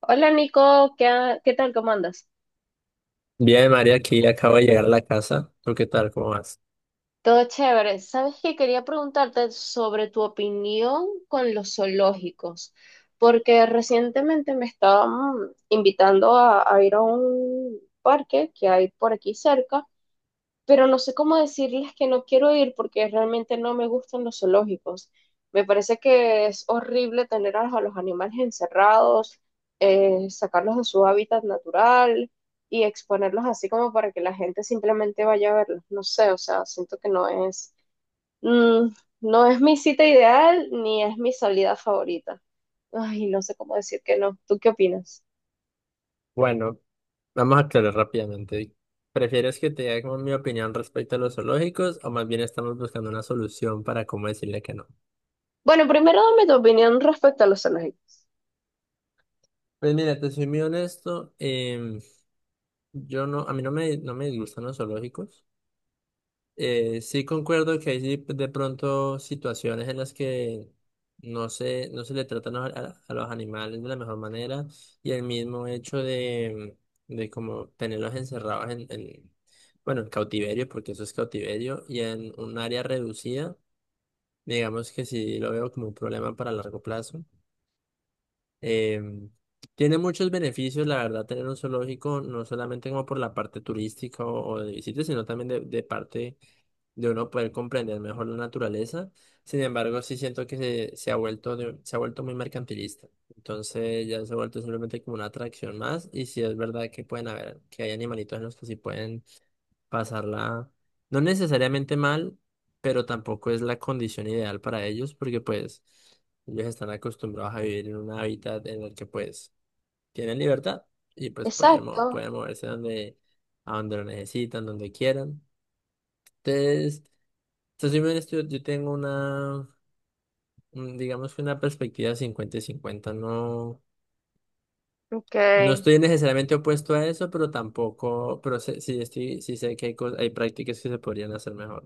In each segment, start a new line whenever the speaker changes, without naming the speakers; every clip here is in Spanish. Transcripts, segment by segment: Hola Nico, ¿qué tal? ¿Cómo andas?
Bien, María, aquí acabo de llegar a la casa. ¿Tú qué tal? ¿Cómo vas?
Todo chévere. Sabes que quería preguntarte sobre tu opinión con los zoológicos, porque recientemente me estaban invitando a ir a un parque que hay por aquí cerca, pero no sé cómo decirles que no quiero ir porque realmente no me gustan los zoológicos. Me parece que es horrible tener a los animales encerrados, sacarlos de su hábitat natural y exponerlos así como para que la gente simplemente vaya a verlos. No sé, o sea, siento que mm, no es mi cita ideal ni es mi salida favorita. Ay, no sé cómo decir que no. ¿Tú qué opinas?
Bueno, vamos a aclarar rápidamente. ¿Prefieres que te diga como mi opinión respecto a los zoológicos o más bien estamos buscando una solución para cómo decirle que no?
Bueno, primero dame tu opinión respecto a los zoológicos.
Pues mira, te soy muy honesto. Yo no, a mí no me, no me disgustan los zoológicos. Sí concuerdo que hay sí, de pronto situaciones en las que no se le tratan a, a los animales de la mejor manera y el mismo hecho de como tenerlos encerrados bueno, en cautiverio, porque eso es cautiverio, y en un área reducida, digamos que sí lo veo como un problema para largo plazo. Em, Tiene muchos beneficios, la verdad, tener un zoológico, no solamente como por la parte turística o de visitas, sino también de parte de uno poder comprender mejor la naturaleza. Sin embargo, sí siento que se ha vuelto se ha vuelto muy mercantilista. Entonces ya se ha vuelto simplemente como una atracción más. Y sí es verdad que pueden haber, que hay animalitos en los que sí pueden pasarla, no necesariamente mal, pero tampoco es la condición ideal para ellos, porque pues ellos están acostumbrados a vivir en un hábitat en el que pues tienen libertad y pues pueden,
Exacto.
pueden moverse donde, a donde lo necesitan, donde quieran. Entonces, entonces, yo, yo tengo una, digamos que una perspectiva 50 y 50. No,
Ok.
no estoy necesariamente opuesto a eso, pero tampoco, sí, estoy, sí sé que hay hay prácticas que se podrían hacer mejor.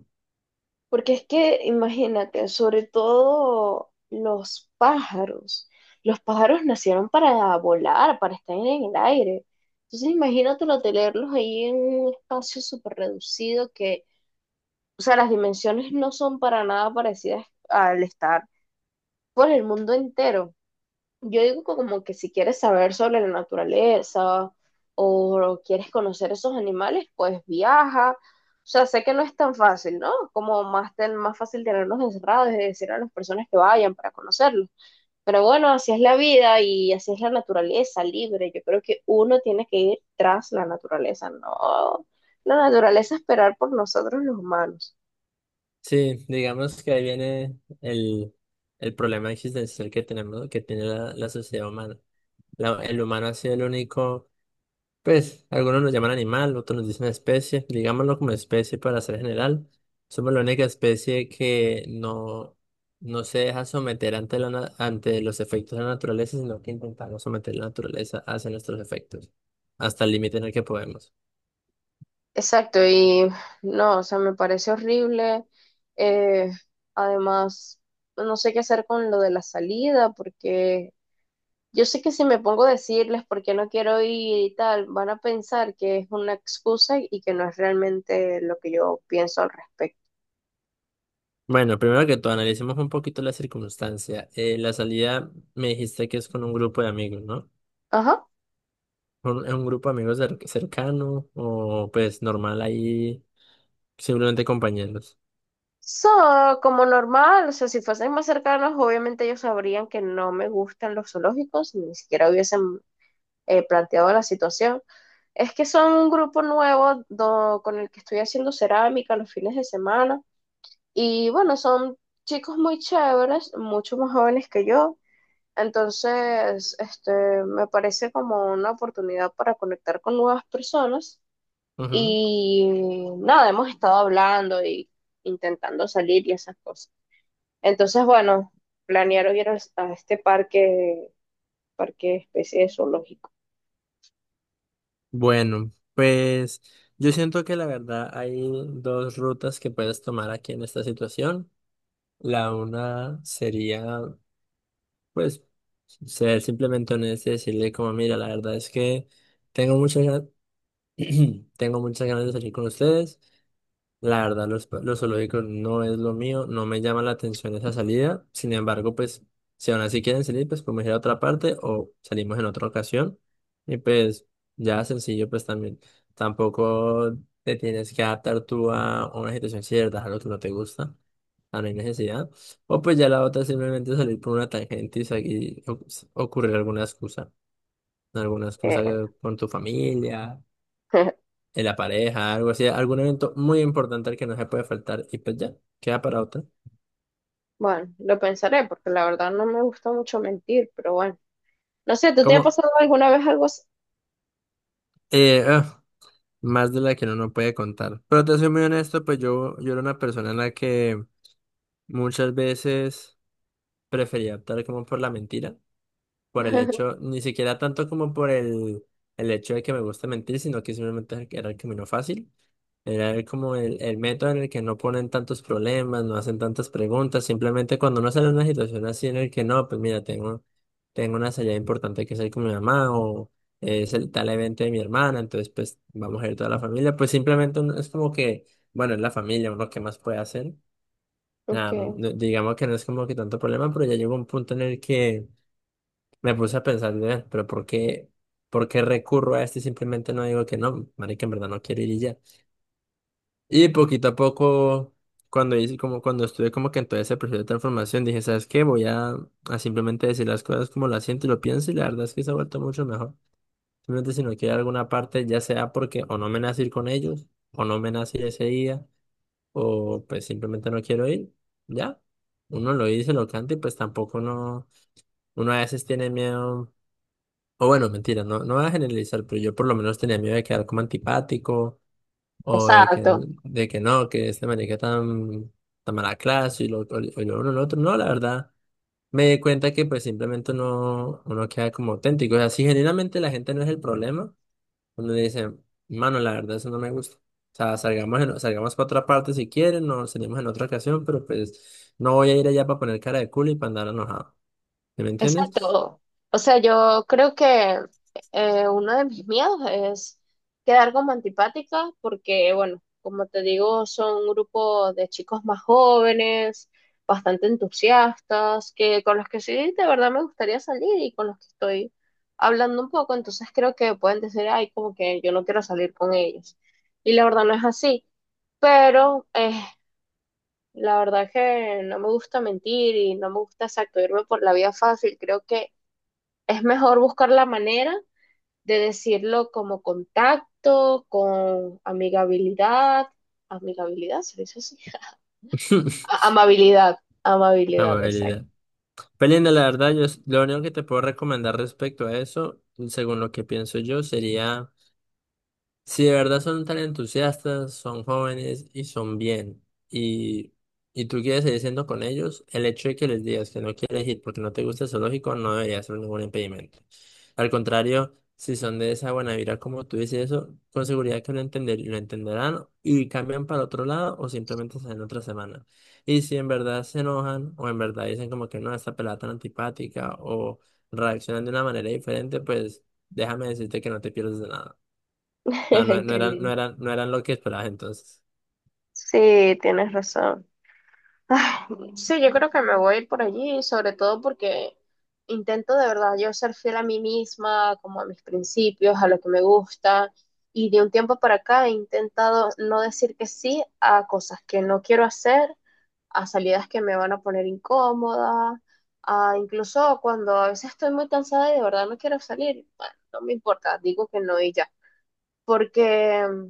Porque es que, imagínate, sobre todo los pájaros. Los pájaros nacieron para volar, para estar en el aire. Entonces, imagínatelo, tenerlos ahí en un espacio súper reducido que, o sea, las dimensiones no son para nada parecidas al estar por el mundo entero. Yo digo que como que si quieres saber sobre la naturaleza o quieres conocer esos animales, pues viaja. O sea, sé que no es tan fácil, ¿no? Como más, más fácil tenerlos encerrados y decir a las personas que vayan para conocerlos. Pero bueno, así es la vida y así es la naturaleza libre. Yo creo que uno tiene que ir tras la naturaleza, no la naturaleza esperar por nosotros los humanos.
Sí, digamos que ahí viene el, el problema existencial que tenemos, que tiene la sociedad humana. El humano ha sido el único. Pues, algunos nos llaman animal, otros nos dicen especie. Digámoslo como especie para ser general. Somos la única especie que no, no se deja someter ante, ante los efectos de la naturaleza, sino que intentamos someter la naturaleza hacia nuestros efectos, hasta el límite en el que podemos.
Exacto, y no, o sea, me parece horrible. eh, Además, no sé qué hacer con lo de la salida, porque yo sé que si me pongo a decirles por qué no quiero ir y tal, van a pensar que es una excusa y que no es realmente lo que yo pienso al respecto.
Bueno, primero que todo, analicemos un poquito la circunstancia. La salida me dijiste que es con un grupo de amigos, ¿no?
Ajá.
Un grupo de amigos cercano o pues normal ahí, simplemente compañeros.
So, como normal, o sea, si fuesen más cercanos, obviamente ellos sabrían que no me gustan los zoológicos, ni siquiera hubiesen planteado la situación. Es que son un grupo nuevo con el que estoy haciendo cerámica los fines de semana. Y bueno, son chicos muy chéveres, mucho más jóvenes que yo. Entonces, este, me parece como una oportunidad para conectar con nuevas personas. Y nada, hemos estado hablando y intentando salir y esas cosas. Entonces, bueno, planearon ir a este parque, parque especie de zoológico.
Bueno, pues yo siento que la verdad hay dos rutas que puedes tomar aquí en esta situación. La una sería, pues, ser simplemente honesto y decirle como, mira, la verdad es que tengo muchas ganas, tengo muchas ganas de salir con ustedes. La verdad, los zoológicos no es lo mío, no me llama la atención esa salida. Sin embargo, pues, si aún así quieren salir, pues podemos ir a otra parte o salimos en otra ocasión. Y pues, ya sencillo, pues también tampoco te tienes que adaptar tú a una situación cierta, algo que no te gusta, a no hay necesidad. O pues ya la otra es simplemente salir por una tangente y ocurrir alguna excusa,
Eh,
con tu familia en la pareja, algo así, algún evento muy importante al que no se puede faltar y pues ya, queda para otra.
Bueno, lo pensaré porque la verdad no me gusta mucho mentir, pero bueno. No sé, ¿tú te
Como,
ha pasado alguna vez algo así?
eh, ah, más de la que uno no puede contar. Pero te soy muy honesto, pues yo era una persona en la que muchas veces prefería optar como por la mentira, por el hecho, ni siquiera tanto como por el hecho de que me gusta mentir, sino que simplemente era el camino fácil. Era como el método en el que no ponen tantos problemas, no hacen tantas preguntas, simplemente cuando uno sale en una situación así en el que no, pues mira, tengo, tengo una salida importante que salir con mi mamá o es el tal evento de mi hermana, entonces pues vamos a ir toda la familia, pues simplemente es como que, bueno, es la familia, uno qué más puede hacer.
Ok,
Nada, digamos que no es como que tanto problema, pero ya llegó un punto en el que me puse a pensar, "Ve, pero por qué recurro a esto y simplemente no digo que no, marica, en verdad no quiero ir y ya? Y poquito a poco, cuando hice, como cuando estuve como que en todo ese proceso de transformación, dije, ¿sabes qué? Voy a simplemente decir las cosas como las siento y lo pienso, y la verdad es que se ha vuelto mucho mejor. Simplemente si no quiero alguna parte, ya sea porque o no me nace ir con ellos, o no me nace ir ese día, o pues simplemente no quiero ir, ya. Uno lo dice, lo canta, y pues tampoco no uno a veces tiene miedo. O bueno, mentira, no, no voy a generalizar, pero yo por lo menos tenía miedo de quedar como antipático o
exacto.
de que no, que este marica tan, tan mala clase y lo uno y lo otro. No, la verdad, me di cuenta que pues simplemente uno queda como auténtico. O sea, si genuinamente la gente no es el problema, uno le dice, mano, la verdad, eso no me gusta. O sea, salgamos para otra parte si quieren, nos salimos en otra ocasión, pero pues no voy a ir allá para poner cara de culo y para andar enojado. ¿Sí? ¿Me entiendes?
Exacto. O sea, yo creo que uno de mis miedos es quedar como antipática porque, bueno, como te digo, son un grupo de chicos más jóvenes, bastante entusiastas, que con los que sí de verdad me gustaría salir y con los que estoy hablando un poco, entonces creo que pueden decir, ay, como que yo no quiero salir con ellos. Y la verdad no es así, pero la verdad que no me gusta mentir y no me gusta, exacto, irme por la vía fácil. Creo que es mejor buscar la manera de decirlo como contacto, con amigabilidad, amigabilidad, se dice así, amabilidad, amabilidad,
Amabilidad.
exacto.
Pelinda, la verdad, lo único que te puedo recomendar respecto a eso, según lo que pienso yo, sería. Si de verdad son tan entusiastas, son jóvenes y son bien, y, y tú quieres seguir siendo con ellos, el hecho de que les digas que no quieres ir porque no te gusta el zoológico no debería ser ningún impedimento. Al contrario, si son de esa buena vibra como tú dices eso, con seguridad que lo entenderán y cambian para otro lado o simplemente salen otra semana. Y si en verdad se enojan o en verdad dicen como que no, esta pelada tan antipática o reaccionan de una manera diferente, pues déjame decirte que no te pierdes de nada. O sea,
Qué lindo.
no eran lo que esperabas entonces.
Sí, tienes razón. Ay, sí, yo creo que me voy a ir por allí, sobre todo porque intento de verdad yo ser fiel a mí misma, como a mis principios, a lo que me gusta, y de un tiempo para acá he intentado no decir que sí a cosas que no quiero hacer, a salidas que me van a poner incómoda, a incluso cuando a veces estoy muy cansada y de verdad no quiero salir, bueno, no me importa, digo que no y ya porque,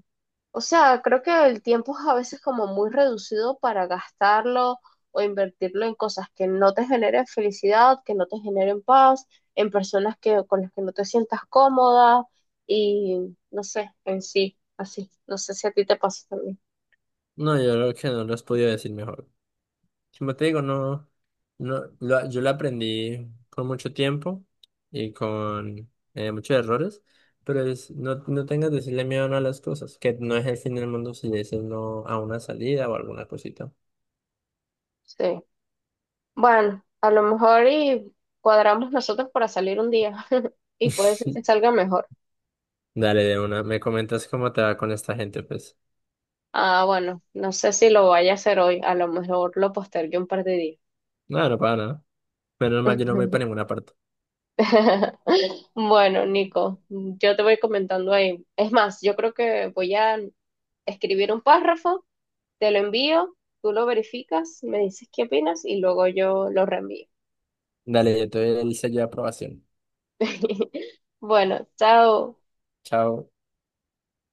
o sea, creo que el tiempo es a veces como muy reducido para gastarlo o invertirlo en cosas que no te generen felicidad, que no te generen paz, en personas con las que no te sientas cómoda, y no sé, en sí, así. No sé si a ti te pasa también.
No, yo creo que no los podía decir mejor. Como te digo, no, yo lo aprendí con mucho tiempo y con muchos errores, pero es, no, no tengas que decirle miedo no a las cosas, que no es el fin del mundo si le dices no a una salida o alguna cosita.
Sí. Bueno, a lo mejor y cuadramos nosotros para salir un día y puede ser que salga mejor.
Dale, de una, me comentas cómo te va con esta gente, pues.
Ah, bueno, no sé si lo vaya a hacer hoy, a lo mejor lo postergué un par de días.
No, no para nada. Menos mal, yo no me voy para ninguna parte.
Bueno, Nico, yo te voy comentando ahí. Es más, yo creo que voy a escribir un párrafo, te lo envío, tú lo verificas, me dices qué opinas y luego yo lo reenvío.
Dale, yo te doy el sello de aprobación.
Bueno, chao.
Chao.